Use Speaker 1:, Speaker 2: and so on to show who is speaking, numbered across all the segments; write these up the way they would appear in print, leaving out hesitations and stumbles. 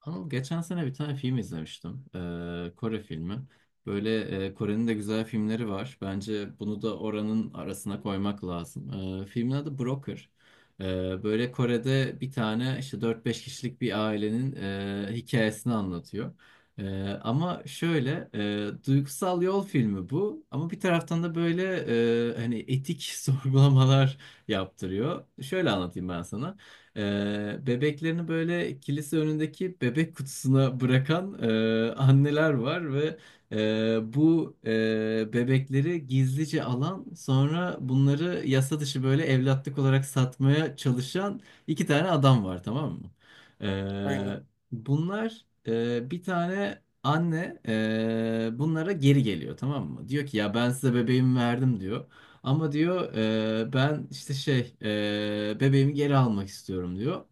Speaker 1: Anıl geçen sene bir tane film izlemiştim. Kore filmi. Böyle Kore'nin de güzel filmleri var. Bence bunu da oranın arasına koymak lazım. Filmin adı Broker. Böyle Kore'de bir tane işte dört beş kişilik bir ailenin hikayesini anlatıyor. Ama şöyle duygusal yol filmi bu. Ama bir taraftan da böyle hani etik sorgulamalar yaptırıyor. Şöyle anlatayım ben sana. Bebeklerini böyle kilise önündeki bebek kutusuna bırakan anneler var ve bebekleri gizlice alan sonra bunları yasa dışı böyle evlatlık olarak satmaya çalışan iki tane adam var, tamam mı?
Speaker 2: Aynen.
Speaker 1: Ee, Bunlar, bir tane anne, bunlara geri geliyor, tamam mı? Diyor ki ya ben size bebeğimi verdim diyor. Ama diyor, ben işte bebeğimi geri almak istiyorum diyor.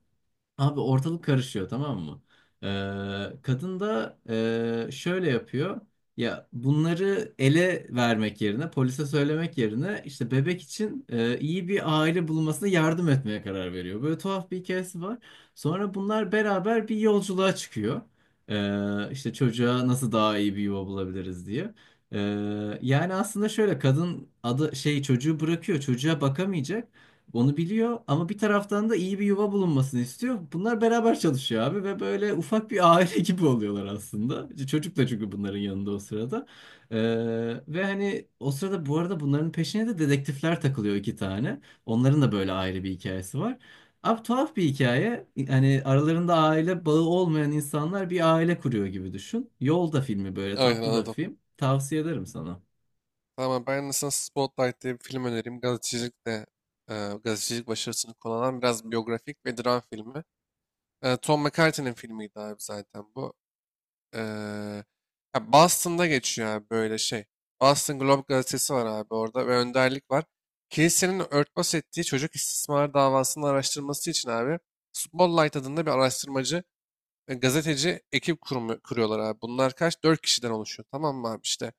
Speaker 1: Abi ortalık karışıyor, tamam mı? Kadın da şöyle yapıyor. Ya bunları ele vermek yerine, polise söylemek yerine işte bebek için iyi bir aile bulmasına yardım etmeye karar veriyor. Böyle tuhaf bir hikayesi var. Sonra bunlar beraber bir yolculuğa çıkıyor. İşte çocuğa nasıl daha iyi bir yuva bulabiliriz diye. Yani aslında şöyle kadın adı şey çocuğu bırakıyor, çocuğa bakamayacak. Onu biliyor ama bir taraftan da iyi bir yuva bulunmasını istiyor. Bunlar beraber çalışıyor abi ve böyle ufak bir aile gibi oluyorlar aslında. Çocuk da çünkü bunların yanında o sırada. Ee, Ve hani o sırada bu arada bunların peşine de dedektifler takılıyor iki tane. Onların da böyle ayrı bir hikayesi var. Abi tuhaf bir hikaye. Hani aralarında aile bağı olmayan insanlar bir aile kuruyor gibi düşün. Yolda filmi böyle
Speaker 2: Aynen
Speaker 1: tatlı da bir
Speaker 2: anladım.
Speaker 1: film. Tavsiye ederim sana.
Speaker 2: Tamam ben de sana Spotlight diye bir film önereyim. E, gazetecilik başarısını konu alan biraz biyografik ve dram filmi. Tom McCarthy'nin filmiydi abi zaten bu. E, Ya Boston'da geçiyor abi böyle şey. Boston Globe gazetesi var abi orada ve önderlik var. Kilisenin örtbas ettiği çocuk istismar davasının araştırması için abi Spotlight adında bir araştırmacı ve gazeteci ekip kuruyorlar abi. Bunlar kaç? Dört kişiden oluşuyor. Tamam mı abi işte.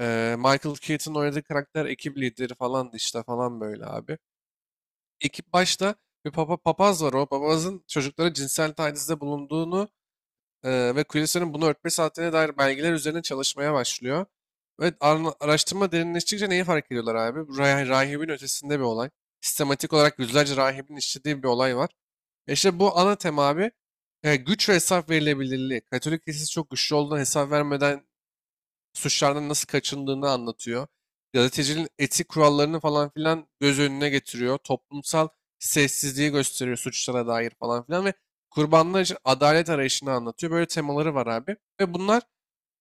Speaker 2: Michael Keaton'ın oynadığı karakter ekip lideri falandı işte falan böyle abi. Ekip başta bir papaz var, o papazın çocuklara cinsel tacizde bulunduğunu ve kilisenin bunu örtmesi haddine dair belgeler üzerine çalışmaya başlıyor. Ve araştırma derinleştikçe neyi fark ediyorlar abi? Bu rahibin ötesinde bir olay. Sistematik olarak yüzlerce rahibin işlediği bir olay var. İşte bu ana tema abi güç ve hesap verilebilirliği. Katolik kilisesi çok güçlü olduğundan hesap vermeden suçlardan nasıl kaçındığını anlatıyor. Gazetecinin etik kurallarını falan filan göz önüne getiriyor. Toplumsal sessizliği gösteriyor suçlara dair falan filan ve kurbanlar için adalet arayışını anlatıyor. Böyle temaları var abi. Ve bunlar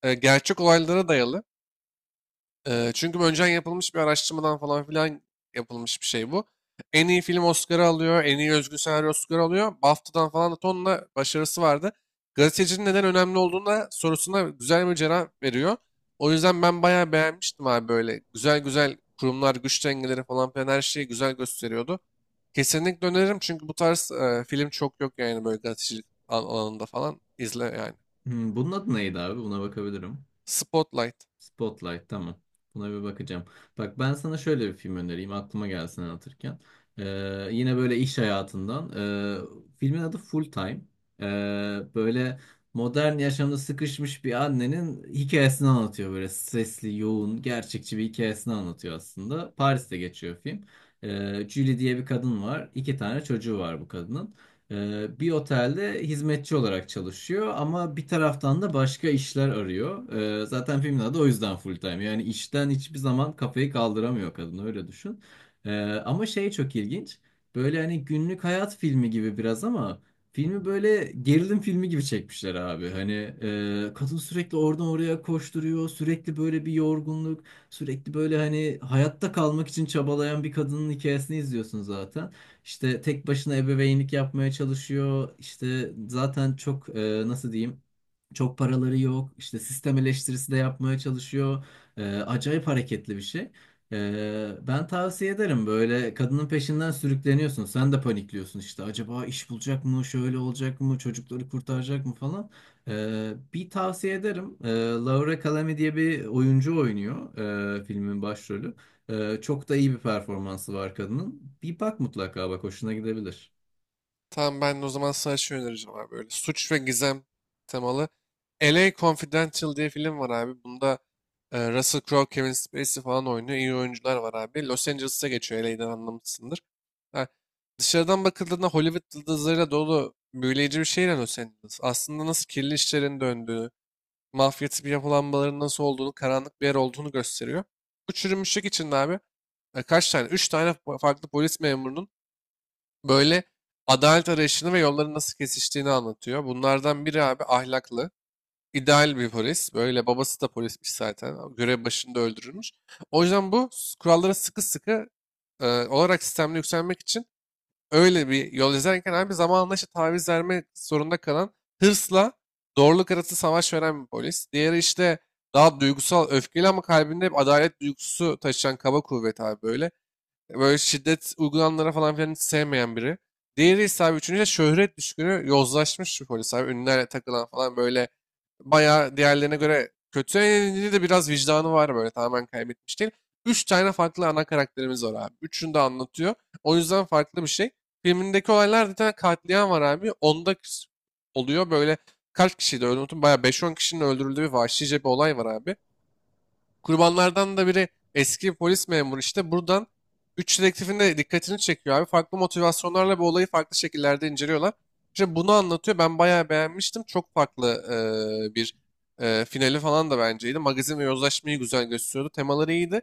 Speaker 2: gerçek olaylara dayalı. Çünkü bu önceden yapılmış bir araştırmadan falan filan yapılmış bir şey bu. En iyi film Oscar'ı alıyor, en iyi özgün senaryo Oscar'ı alıyor. BAFTA'dan falan da tonla başarısı vardı. Gazetecinin neden önemli olduğunu da sorusuna güzel bir cevap veriyor. O yüzden ben bayağı beğenmiştim abi böyle. Güzel güzel kurumlar, güç dengeleri falan filan her şeyi güzel gösteriyordu. Kesinlikle öneririm çünkü bu tarz film çok yok yani böyle gazetecilik alanında falan. İzle yani.
Speaker 1: Hmm, bunun adı neydi abi? Buna bakabilirim.
Speaker 2: Spotlight.
Speaker 1: Spotlight, tamam. Buna bir bakacağım. Bak ben sana şöyle bir film önereyim aklıma gelsin anlatırken. Yine böyle iş hayatından. Filmin adı Full Time. Ee, Böyle modern yaşamda sıkışmış bir annenin hikayesini anlatıyor. Böyle stresli, yoğun, gerçekçi bir hikayesini anlatıyor aslında. Paris'te geçiyor film. Julie diye bir kadın var. İki tane çocuğu var bu kadının. Bir otelde hizmetçi olarak çalışıyor ama bir taraftan da başka işler arıyor. Zaten filmin adı o yüzden full time. Yani işten hiçbir zaman kafayı kaldıramıyor kadın öyle düşün. Ee, Ama şey çok ilginç. Böyle hani günlük hayat filmi gibi biraz ama filmi böyle gerilim filmi gibi çekmişler abi. Hani, kadın sürekli oradan oraya koşturuyor. Sürekli böyle bir yorgunluk. Sürekli böyle hani hayatta kalmak için çabalayan bir kadının hikayesini izliyorsun zaten. İşte tek başına ebeveynlik yapmaya çalışıyor. İşte zaten çok, nasıl diyeyim? Çok paraları yok. İşte sistem eleştirisi de yapmaya çalışıyor. Acayip hareketli bir şey. Ben tavsiye ederim böyle kadının peşinden sürükleniyorsun. Sen de panikliyorsun işte. Acaba iş bulacak mı? Şöyle olacak mı? Çocukları kurtaracak mı falan. Bir tavsiye ederim. Laura Calamy diye bir oyuncu oynuyor, filmin başrolü. Çok da iyi bir performansı var kadının. Bir bak mutlaka bak hoşuna gidebilir.
Speaker 2: Tamam, ben de o zaman sana şey önereceğim abi. Böyle suç ve gizem temalı. LA Confidential diye film var abi. Bunda Russell Crowe, Kevin Spacey falan oynuyor. İyi oyuncular var abi. Los Angeles'a geçiyor. LA'den anlamışsındır. Ha, dışarıdan bakıldığında Hollywood yıldızlarıyla dolu büyüleyici bir şehir Los Angeles. Aslında nasıl kirli işlerin döndüğü, mafya bir yapılanmaların nasıl olduğunu, karanlık bir yer olduğunu gösteriyor. Bu çürümüşlük içinde abi kaç tane? Üç tane farklı polis memurunun böyle adalet arayışını ve yolların nasıl kesiştiğini anlatıyor. Bunlardan biri abi ahlaklı, ideal bir polis. Böyle babası da polismiş zaten. Görev başında öldürülmüş. O yüzden bu kurallara sıkı sıkı olarak sistemde yükselmek için öyle bir yol izlerken abi zamanla işte taviz vermek zorunda kalan hırsla doğruluk arası savaş veren bir polis. Diğeri işte daha duygusal, öfkeli ama kalbinde hep adalet duygusu taşıyan kaba kuvvet abi böyle. Böyle şiddet uygulananlara falan filan hiç sevmeyen biri. Diğeri ise abi, üçüncü de şöhret düşkünü yozlaşmış bir polis abi. Ünlülerle takılan falan böyle bayağı diğerlerine göre kötü. Elinde de biraz vicdanı var, böyle tamamen kaybetmiş değil. Üç tane farklı ana karakterimiz var abi. Üçünü de anlatıyor. O yüzden farklı bir şey. Filmindeki olaylar, bir tane katliam var abi. Onda oluyor böyle, kaç kişiydi öldürdüm. Bayağı beş on kişinin öldürüldüğü bir vahşice bir olay var abi. Kurbanlardan da biri eski polis memuru, işte buradan 3 dedektifin de dikkatini çekiyor abi. Farklı motivasyonlarla bu olayı farklı şekillerde inceliyorlar. İşte bunu anlatıyor. Ben bayağı beğenmiştim. Çok farklı bir finali falan da benceydi. Magazin ve yozlaşmayı güzel gösteriyordu. Temaları iyiydi.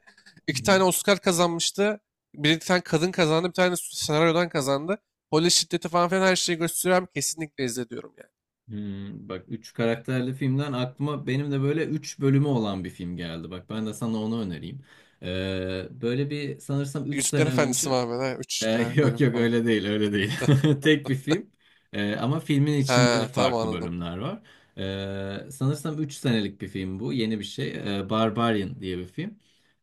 Speaker 1: Hı
Speaker 2: İki
Speaker 1: hı.
Speaker 2: tane Oscar kazanmıştı. Bir tane kadın kazandı. Bir tane senaryodan kazandı. Polis şiddeti falan filan her şeyi gösteriyor abi. Kesinlikle izle diyorum yani.
Speaker 1: Hmm, bak 3 karakterli filmden aklıma benim de böyle 3 bölümü olan bir film geldi. Bak ben de sana onu önereyim. Böyle bir sanırsam 3
Speaker 2: Yüzükler
Speaker 1: sene
Speaker 2: Efendisi
Speaker 1: önce
Speaker 2: Mahmut'a 3 tane
Speaker 1: Yok
Speaker 2: bölüm
Speaker 1: yok
Speaker 2: falan.
Speaker 1: öyle değil öyle değil. Tek bir film. Ama filmin içinde
Speaker 2: He, tamam
Speaker 1: farklı
Speaker 2: anladım.
Speaker 1: bölümler var. Sanırsam 3 senelik bir film bu. Yeni bir şey. Barbarian diye bir film.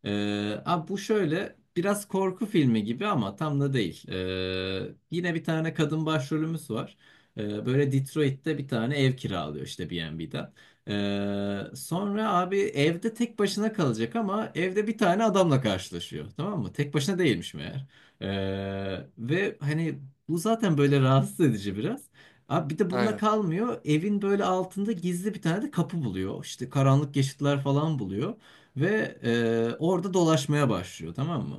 Speaker 1: Abi bu şöyle biraz korku filmi gibi ama tam da değil. Yine bir tane kadın başrolümüz var. Böyle Detroit'te bir tane ev kiralıyor işte B&B'den. Sonra abi evde tek başına kalacak ama evde bir tane adamla karşılaşıyor. Tamam mı? Tek başına değilmiş meğer. Ve hani bu zaten böyle rahatsız edici biraz. Abi bir de bununla
Speaker 2: Aynen.
Speaker 1: kalmıyor. Evin böyle altında gizli bir tane de kapı buluyor. İşte karanlık geçitler falan buluyor. Ve, orada dolaşmaya başlıyor, tamam mı?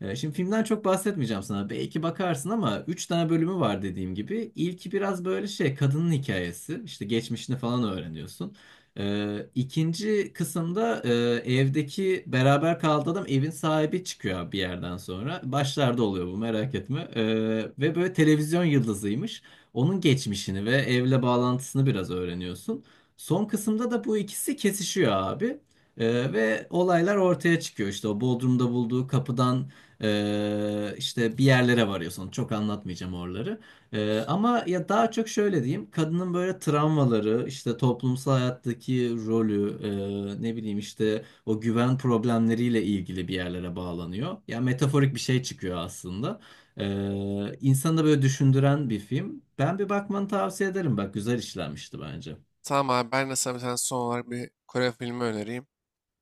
Speaker 1: Şimdi filmden çok bahsetmeyeceğim sana. Belki bakarsın ama 3 tane bölümü var dediğim gibi. İlki biraz böyle şey kadının hikayesi. İşte geçmişini falan öğreniyorsun. İkinci kısımda, evdeki beraber kaldığı adam evin sahibi çıkıyor bir yerden sonra. Başlarda oluyor bu, merak etme. Ve böyle televizyon yıldızıymış. Onun geçmişini ve evle bağlantısını biraz öğreniyorsun. Son kısımda da bu ikisi kesişiyor abi. Ve olaylar ortaya çıkıyor. İşte o Bodrum'da bulduğu kapıdan, işte bir yerlere varıyorsun. Çok anlatmayacağım oraları. Ama ya daha çok şöyle diyeyim kadının böyle travmaları işte toplumsal hayattaki rolü, ne bileyim işte o güven problemleriyle ilgili bir yerlere bağlanıyor. Ya metaforik bir şey çıkıyor aslında. İnsanı da böyle düşündüren bir film. Ben bir bakmanı tavsiye ederim bak güzel işlenmişti bence.
Speaker 2: Tamam abi ben de sana bir tane son olarak bir Kore filmi önereyim.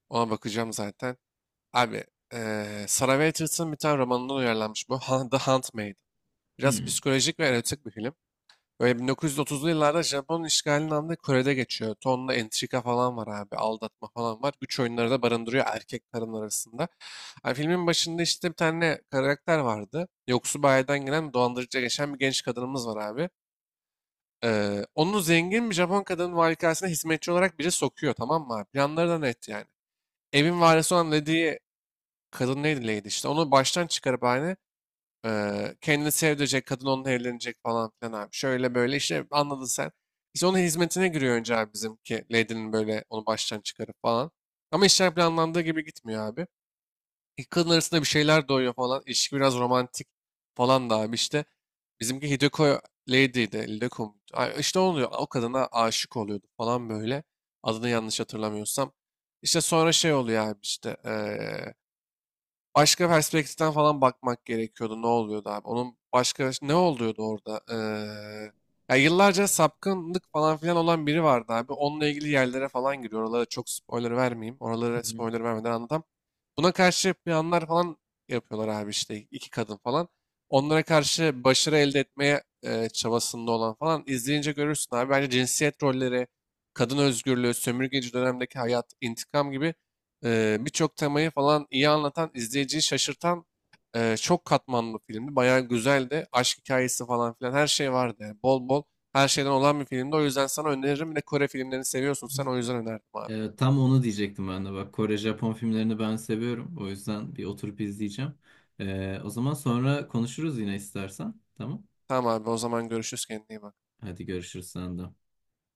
Speaker 2: Ona bakacağım zaten. Abi Sarah Waterston'ın bir tane romanından uyarlanmış bu. The Handmaid. Biraz
Speaker 1: Hmm.
Speaker 2: psikolojik ve erotik bir film. Böyle 1930'lu yıllarda Japon işgalinin altında Kore'de geçiyor. Tonla entrika falan var abi. Aldatma falan var. Güç oyunları da barındırıyor erkek kadın arasında. Abi filmin başında işte bir tane karakter vardı. Yoksul bir aileden gelen dolandırıcıya geçen bir genç kadınımız var abi. Onu zengin bir Japon kadının valikasına hizmetçi olarak biri sokuyor, tamam mı abi? Planları da net yani. Evin varisi olan Lady'yi, kadın neydi, Lady, işte onu baştan çıkarıp aynı kendini sevdirecek, kadın onunla evlenecek falan filan abi. Şöyle böyle işte, anladın sen. İşte onun hizmetine giriyor önce abi, bizimki Lady'nin, böyle onu baştan çıkarıp falan. Ama işler planlandığı gibi gitmiyor abi. İki kadın arasında bir şeyler doğuyor falan. İlişki biraz romantik falan da abi işte. Bizimki Hideko Lady'ydi. Hideko muydu? Ay, İşte oluyor. O kadına aşık oluyordu falan böyle. Adını yanlış hatırlamıyorsam. İşte sonra şey oluyor abi işte. Başka perspektiften falan bakmak gerekiyordu. Ne oluyordu abi? Onun başka ne oluyordu orada? Ya yıllarca sapkınlık falan filan olan biri vardı abi. Onunla ilgili yerlere falan giriyor. Oralara çok spoiler vermeyeyim. Oralara
Speaker 1: Hı hı.
Speaker 2: spoiler vermeden anlatamam. Buna karşı planlar falan yapıyorlar abi işte, iki kadın falan. Onlara karşı başarı elde etmeye çabasında olan, falan izleyince görürsün abi. Bence cinsiyet rolleri, kadın özgürlüğü, sömürgeci dönemdeki hayat, intikam gibi birçok temayı falan iyi anlatan, izleyiciyi şaşırtan çok katmanlı bir filmdi. Bayağı güzeldi. Aşk hikayesi falan filan her şey vardı yani. Bol bol her şeyden olan bir filmdi. O yüzden sana öneririm. Bir de Kore filmlerini seviyorsun sen, o yüzden önerdim abi.
Speaker 1: Tam onu diyecektim ben de bak Kore Japon filmlerini ben seviyorum o yüzden bir oturup izleyeceğim. O zaman sonra konuşuruz yine istersen, tamam.
Speaker 2: Tamam abi, o zaman görüşürüz, kendine iyi bak.
Speaker 1: Hadi görüşürüz sen de.